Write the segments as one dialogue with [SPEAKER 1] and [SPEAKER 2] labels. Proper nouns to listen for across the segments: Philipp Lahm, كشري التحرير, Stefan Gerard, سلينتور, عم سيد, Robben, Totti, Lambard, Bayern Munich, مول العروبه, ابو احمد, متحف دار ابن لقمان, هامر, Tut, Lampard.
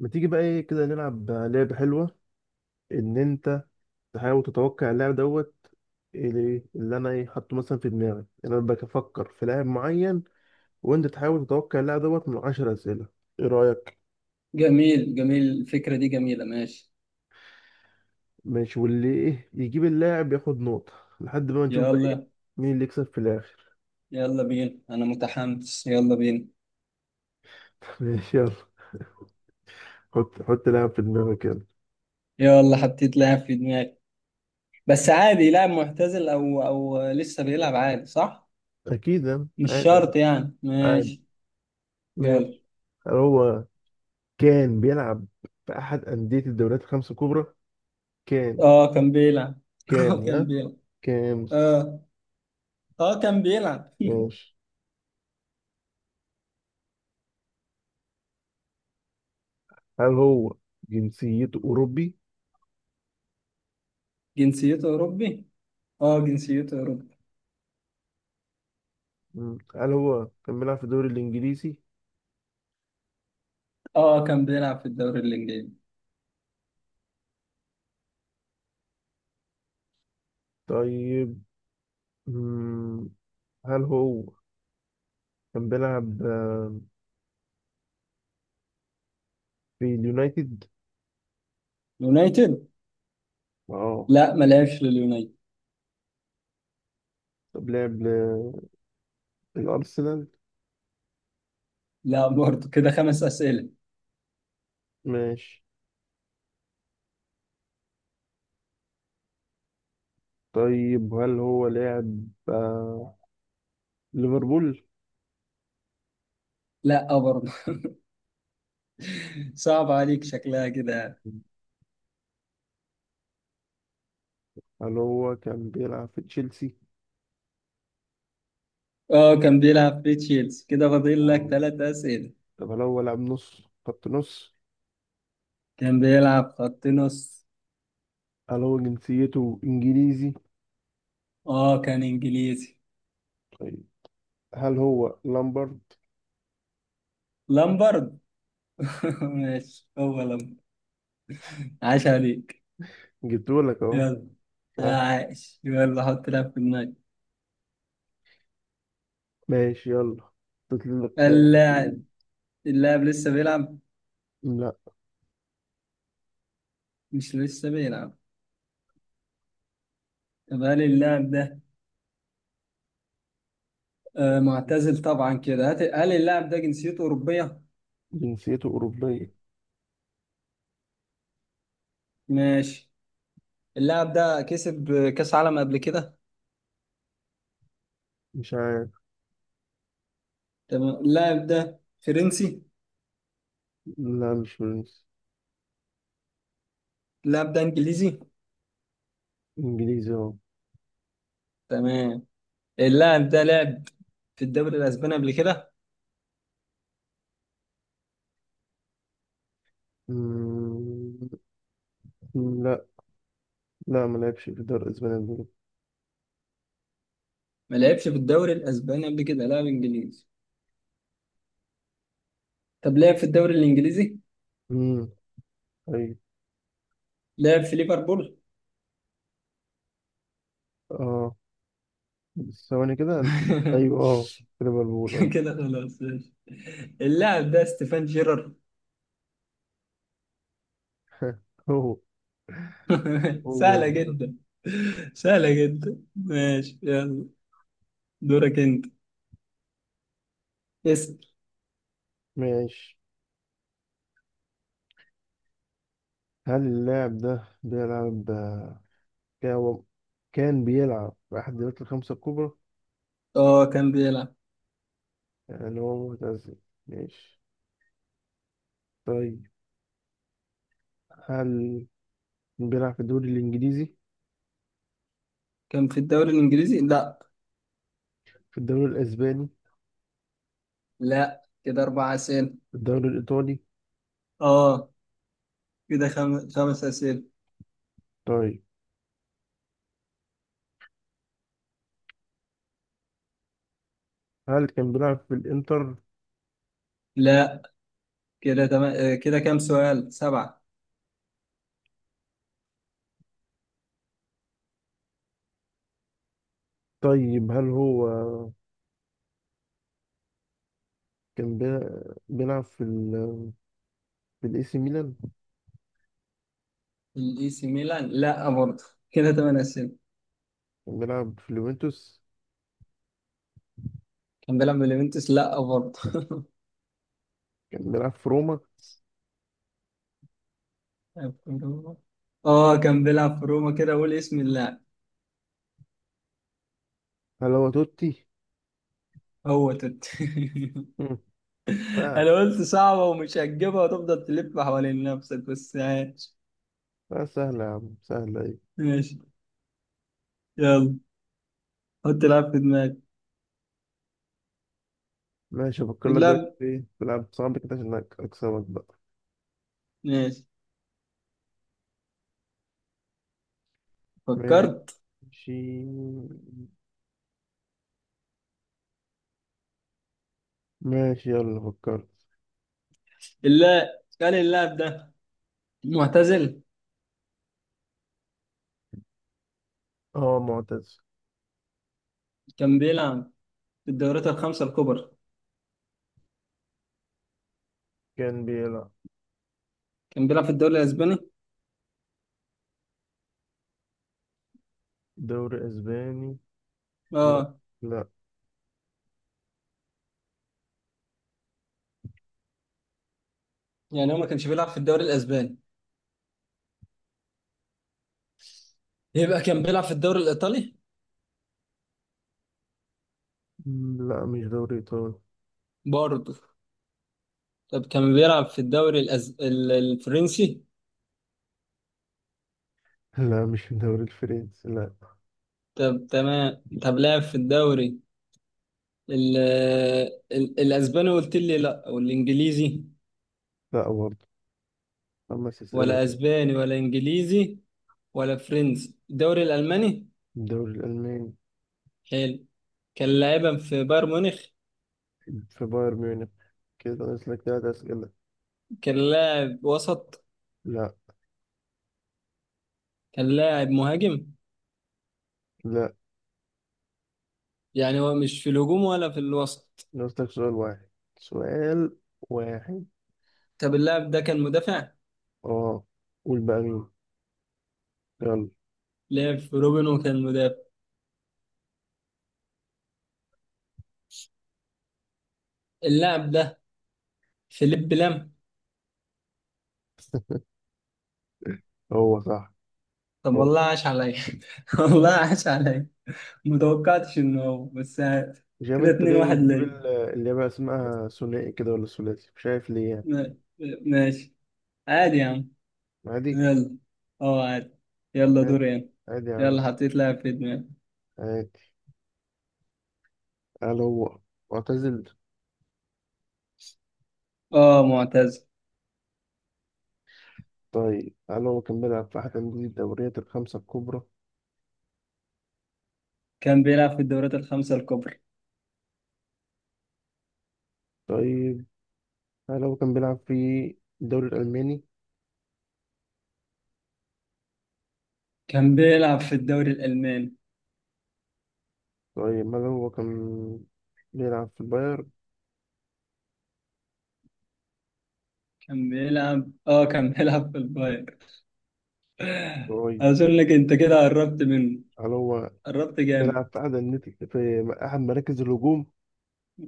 [SPEAKER 1] ما تيجي بقى ايه كده نلعب لعبة حلوة؟ ان انت تحاول تتوقع اللاعب دوت، اللي انا ايه حاطه مثلا في دماغي. يعني انا بفكر في لاعب معين، وانت تحاول تتوقع اللاعب دوت من 10 اسئلة. ايه رأيك؟
[SPEAKER 2] جميل جميل، الفكرة دي جميلة، ماشي
[SPEAKER 1] ماشي، واللي ايه يجيب اللاعب ياخد نقطة لحد ما نشوف بقى ايه
[SPEAKER 2] يلا.
[SPEAKER 1] مين اللي يكسب في الاخر.
[SPEAKER 2] يلا بينا، أنا متحمس، يلا بينا.
[SPEAKER 1] ماشي يلا. حط لاعب في دماغك يلا.
[SPEAKER 2] يلا حطيت لاعب في دماغي. بس عادي لاعب معتزل أو لسه بيلعب، عادي صح؟
[SPEAKER 1] اكيد يعني،
[SPEAKER 2] مش
[SPEAKER 1] عادي.
[SPEAKER 2] شرط يعني،
[SPEAKER 1] عادي.
[SPEAKER 2] ماشي يلا.
[SPEAKER 1] ماشي. هل هو كان بيلعب في احد اندية الدوريات الخمس الكبرى؟ كان
[SPEAKER 2] اه كان بيلعب.
[SPEAKER 1] كان
[SPEAKER 2] اه كان
[SPEAKER 1] ها
[SPEAKER 2] بيلعب.
[SPEAKER 1] كان.
[SPEAKER 2] اه. اه كان بيلعب.
[SPEAKER 1] ماشي. هل هو جنسيته أوروبي؟
[SPEAKER 2] جنسيته أوروبي؟ اه جنسيته أوروبي.
[SPEAKER 1] مم. هل هو كان بيلعب في الدوري الإنجليزي؟
[SPEAKER 2] اه كان بيلعب في الدوري الإنجليزي.
[SPEAKER 1] طيب. مم. هل هو كان بيلعب في اليونايتد؟
[SPEAKER 2] يونايتد؟
[SPEAKER 1] اه.
[SPEAKER 2] لا ما لعبش لليونايتد.
[SPEAKER 1] طب لعب الأرسنال.
[SPEAKER 2] لا برضه، كده خمس أسئلة.
[SPEAKER 1] ماشي. طيب هل هو لاعب ليفربول؟
[SPEAKER 2] لا برضه. صعب عليك شكلها كده يعني.
[SPEAKER 1] هل هو كان بيلعب في تشيلسي؟
[SPEAKER 2] اه كان بيلعب في تشيلسي، كده فاضل لك
[SPEAKER 1] آه.
[SPEAKER 2] ثلاث أسئلة.
[SPEAKER 1] طب هل هو لاعب نص، خط نص؟
[SPEAKER 2] كان بيلعب خط نص.
[SPEAKER 1] هل هو جنسيته إنجليزي؟
[SPEAKER 2] اه كان انجليزي.
[SPEAKER 1] طيب. هل هو لامبرد؟
[SPEAKER 2] لامبرد. ماشي، هو لامبرد، عاش عليك.
[SPEAKER 1] جبتهولك أهو.
[SPEAKER 2] يلا، يا
[SPEAKER 1] سهل.
[SPEAKER 2] عاش، يلا حط لاعب في دماغك.
[SPEAKER 1] ماشي يلا. تطلع لك جامعة
[SPEAKER 2] اللاعب، اللاعب لسه بيلعب؟
[SPEAKER 1] لا.
[SPEAKER 2] مش لسه بيلعب. طب هل اللاعب ده معتزل طبعا؟ كده هل اللاعب ده جنسيته أوروبية؟
[SPEAKER 1] جنسيته أوروبية.
[SPEAKER 2] ماشي. اللاعب ده كسب كأس عالم قبل كده؟
[SPEAKER 1] مش عارف.
[SPEAKER 2] تمام، اللاعب ده فرنسي.
[SPEAKER 1] لا مش فرنسي.
[SPEAKER 2] اللاعب ده انجليزي.
[SPEAKER 1] إنجليزي أهو.
[SPEAKER 2] تمام. اللاعب ده لعب في الدوري الاسباني قبل كده؟
[SPEAKER 1] مم، لا. لا ما لعبش في دار أسبانيا قبل كده.
[SPEAKER 2] ما لعبش في الدوري الاسباني قبل كده، لاعب انجليزي. طب لعب في الدوري الانجليزي.
[SPEAKER 1] مم، أيوة
[SPEAKER 2] لعب في ليفربول.
[SPEAKER 1] أه. بس ثواني كده. أيوة أه. كده بقول أه.
[SPEAKER 2] كده خلاص ماشي. اللاعب ده ستيفان جيرارد.
[SPEAKER 1] هو. هو
[SPEAKER 2] سهلة
[SPEAKER 1] ده.
[SPEAKER 2] جدا. سهلة جدا ماشي، يلا دورك انت، اسأل.
[SPEAKER 1] ماشي. هل اللاعب ده بيلعب؟ كان هو- كان بيلعب في أحد الدوريات الخمسة الكبرى.
[SPEAKER 2] اه كان بيلعب.
[SPEAKER 1] يعني هو معتزل. ماشي. طيب هل كان بيلعب في الدوري الإنجليزي؟
[SPEAKER 2] كان في الدوري الانجليزي؟ لا.
[SPEAKER 1] في الدوري الأسباني؟
[SPEAKER 2] لا، كده اربع اسئلة.
[SPEAKER 1] في الدوري الإيطالي؟
[SPEAKER 2] اه، كده خمس اسئلة.
[SPEAKER 1] طيب هل كان بيلعب في الإنتر؟
[SPEAKER 2] لا، كده تمام. كده كام سؤال؟ سبعة.
[SPEAKER 1] طيب هل هو كان بيلعب في ال، في الإي سي ميلان؟
[SPEAKER 2] الاي سي ميلان؟ لا برضه، كده تمام أسئلة.
[SPEAKER 1] كان بيلعب في اليوفنتوس؟
[SPEAKER 2] كان بيلعب في اليوفنتوس؟ لا برضه.
[SPEAKER 1] كان بيلعب في روما؟
[SPEAKER 2] في روما. اه كان بيلعب في روما، كده قول اسم اللاعب.
[SPEAKER 1] هل هو توتي؟
[SPEAKER 2] هو توت.
[SPEAKER 1] مم.
[SPEAKER 2] انا
[SPEAKER 1] سهلة.
[SPEAKER 2] قلت صعبة ومش هتجيبها، وتفضل تلف حوالين نفسك بس عايش.
[SPEAKER 1] لا سهلة يا عم، سهلة إيه.
[SPEAKER 2] ماشي يلا، حط لاعب في دماغك.
[SPEAKER 1] ماشي. أفكر لك بقى
[SPEAKER 2] لا،
[SPEAKER 1] في إيه، بلعب صعب كده عشان أكسبك بقى.
[SPEAKER 2] ماشي،
[SPEAKER 1] ماشي.
[SPEAKER 2] فكرت.
[SPEAKER 1] ماشي يلا فكرت.
[SPEAKER 2] اللاعب، كان اللاعب ده معتزل.
[SPEAKER 1] هو معتز.
[SPEAKER 2] كان بيلعب في الدوريات الخمسة الكبرى.
[SPEAKER 1] كان بيلعب.
[SPEAKER 2] كان بيلعب في الدوري الاسباني؟
[SPEAKER 1] دوري أسباني؟ لا.
[SPEAKER 2] اه.
[SPEAKER 1] لا.
[SPEAKER 2] يعني هو ما كانش بيلعب في الدوري الاسباني، يبقى كان بيلعب في الدوري الايطالي.
[SPEAKER 1] لا مش دوري إيطالي.
[SPEAKER 2] برضه؟ طب كان بيلعب في الدوري الفرنسي.
[SPEAKER 1] لا مش الدوري الفرنسي. لا
[SPEAKER 2] طب تمام، طب لعب في الدوري ال... الاسباني قلت لي لا، والانجليزي؟
[SPEAKER 1] لا برضه. 5 أسئلة
[SPEAKER 2] ولا
[SPEAKER 1] كده.
[SPEAKER 2] اسباني ولا انجليزي ولا فرنسي، الدوري الالماني.
[SPEAKER 1] الدوري الألماني.
[SPEAKER 2] حلو، كان لاعبا في بايرن ميونخ.
[SPEAKER 1] في بايرن ميونخ. كده ناقص لك 3 أسئلة.
[SPEAKER 2] كان لاعب وسط؟
[SPEAKER 1] لا.
[SPEAKER 2] كان لاعب مهاجم؟
[SPEAKER 1] لا.
[SPEAKER 2] يعني هو مش في الهجوم ولا في الوسط.
[SPEAKER 1] ناقص لك سؤال واحد. سؤال واحد.
[SPEAKER 2] طب اللاعب ده كان مدافع.
[SPEAKER 1] اه. قول بقى مين. يلا.
[SPEAKER 2] لعب في روبن وكان مدافع. اللاعب ده فيليب لام.
[SPEAKER 1] هو صح.
[SPEAKER 2] طب
[SPEAKER 1] هو.
[SPEAKER 2] والله عاش عليا. والله عاش عليا، متوقعتش انه هو بس عاد.
[SPEAKER 1] مش عارف
[SPEAKER 2] كده
[SPEAKER 1] انت
[SPEAKER 2] اتنين
[SPEAKER 1] ليه
[SPEAKER 2] واحد
[SPEAKER 1] بتجيب
[SPEAKER 2] ليا.
[SPEAKER 1] اللي هي بقى اسمها ثنائي كده ولا ثلاثي، مش عارف ليه يعني.
[SPEAKER 2] ما- ماشي، عادي يا عم،
[SPEAKER 1] عادي.
[SPEAKER 2] يلا. اه عادي، يلا
[SPEAKER 1] عادي.
[SPEAKER 2] دوري انا.
[SPEAKER 1] عادي يا عم.
[SPEAKER 2] يلا حطيت لاعب في دماغي.
[SPEAKER 1] عادي. قال هو معتزل.
[SPEAKER 2] اه معتز.
[SPEAKER 1] طيب هل هو كان بيلعب في أحد أندية الدوريات الخمسة الكبرى؟
[SPEAKER 2] كان بيلعب في الدوريات الخمسة الكبرى.
[SPEAKER 1] طيب هل هو كان بيلعب في الدوري الألماني؟
[SPEAKER 2] كان بيلعب في الدوري الألماني.
[SPEAKER 1] طيب هل هو كان بيلعب في البايرن؟
[SPEAKER 2] كان بيلعب. اه كان بيلعب في الباير.
[SPEAKER 1] طيب
[SPEAKER 2] أظنك أنت كده قربت منه،
[SPEAKER 1] هل هو
[SPEAKER 2] قربت
[SPEAKER 1] بيلعب
[SPEAKER 2] جامد.
[SPEAKER 1] في أحد أندية، في أحد مراكز الهجوم؟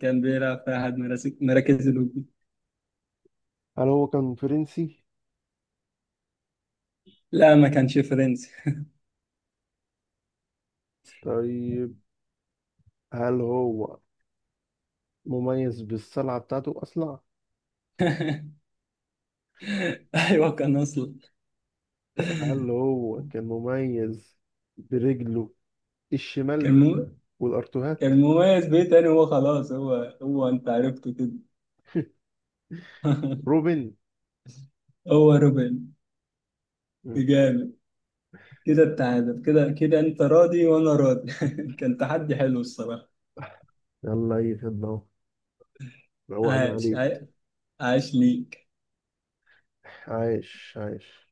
[SPEAKER 2] كان بيلعب في أحد مراكز الهجوم.
[SPEAKER 1] هل هو كان فرنسي؟
[SPEAKER 2] لا ما كانش فرنسي.
[SPEAKER 1] طيب هل هو مميز بالصلعة بتاعته، أصلع؟
[SPEAKER 2] أيوه كان أصلا.
[SPEAKER 1] هل هو كان مميز برجله الشمال
[SPEAKER 2] كان مو...
[SPEAKER 1] والأرتوهات؟
[SPEAKER 2] كان مميز بيه. تاني هو خلاص، هو، هو أنت عرفته كده.
[SPEAKER 1] روبن.
[SPEAKER 2] هو روبن.
[SPEAKER 1] مم.
[SPEAKER 2] جامد. كده التعادل، كده كده أنت راضي وأنا راضي. كان تحدي حلو الصراحة.
[SPEAKER 1] يلا يا خدمة. روقنا
[SPEAKER 2] عاش عاش،
[SPEAKER 1] عليك.
[SPEAKER 2] عاش ليك.
[SPEAKER 1] عايش عايش.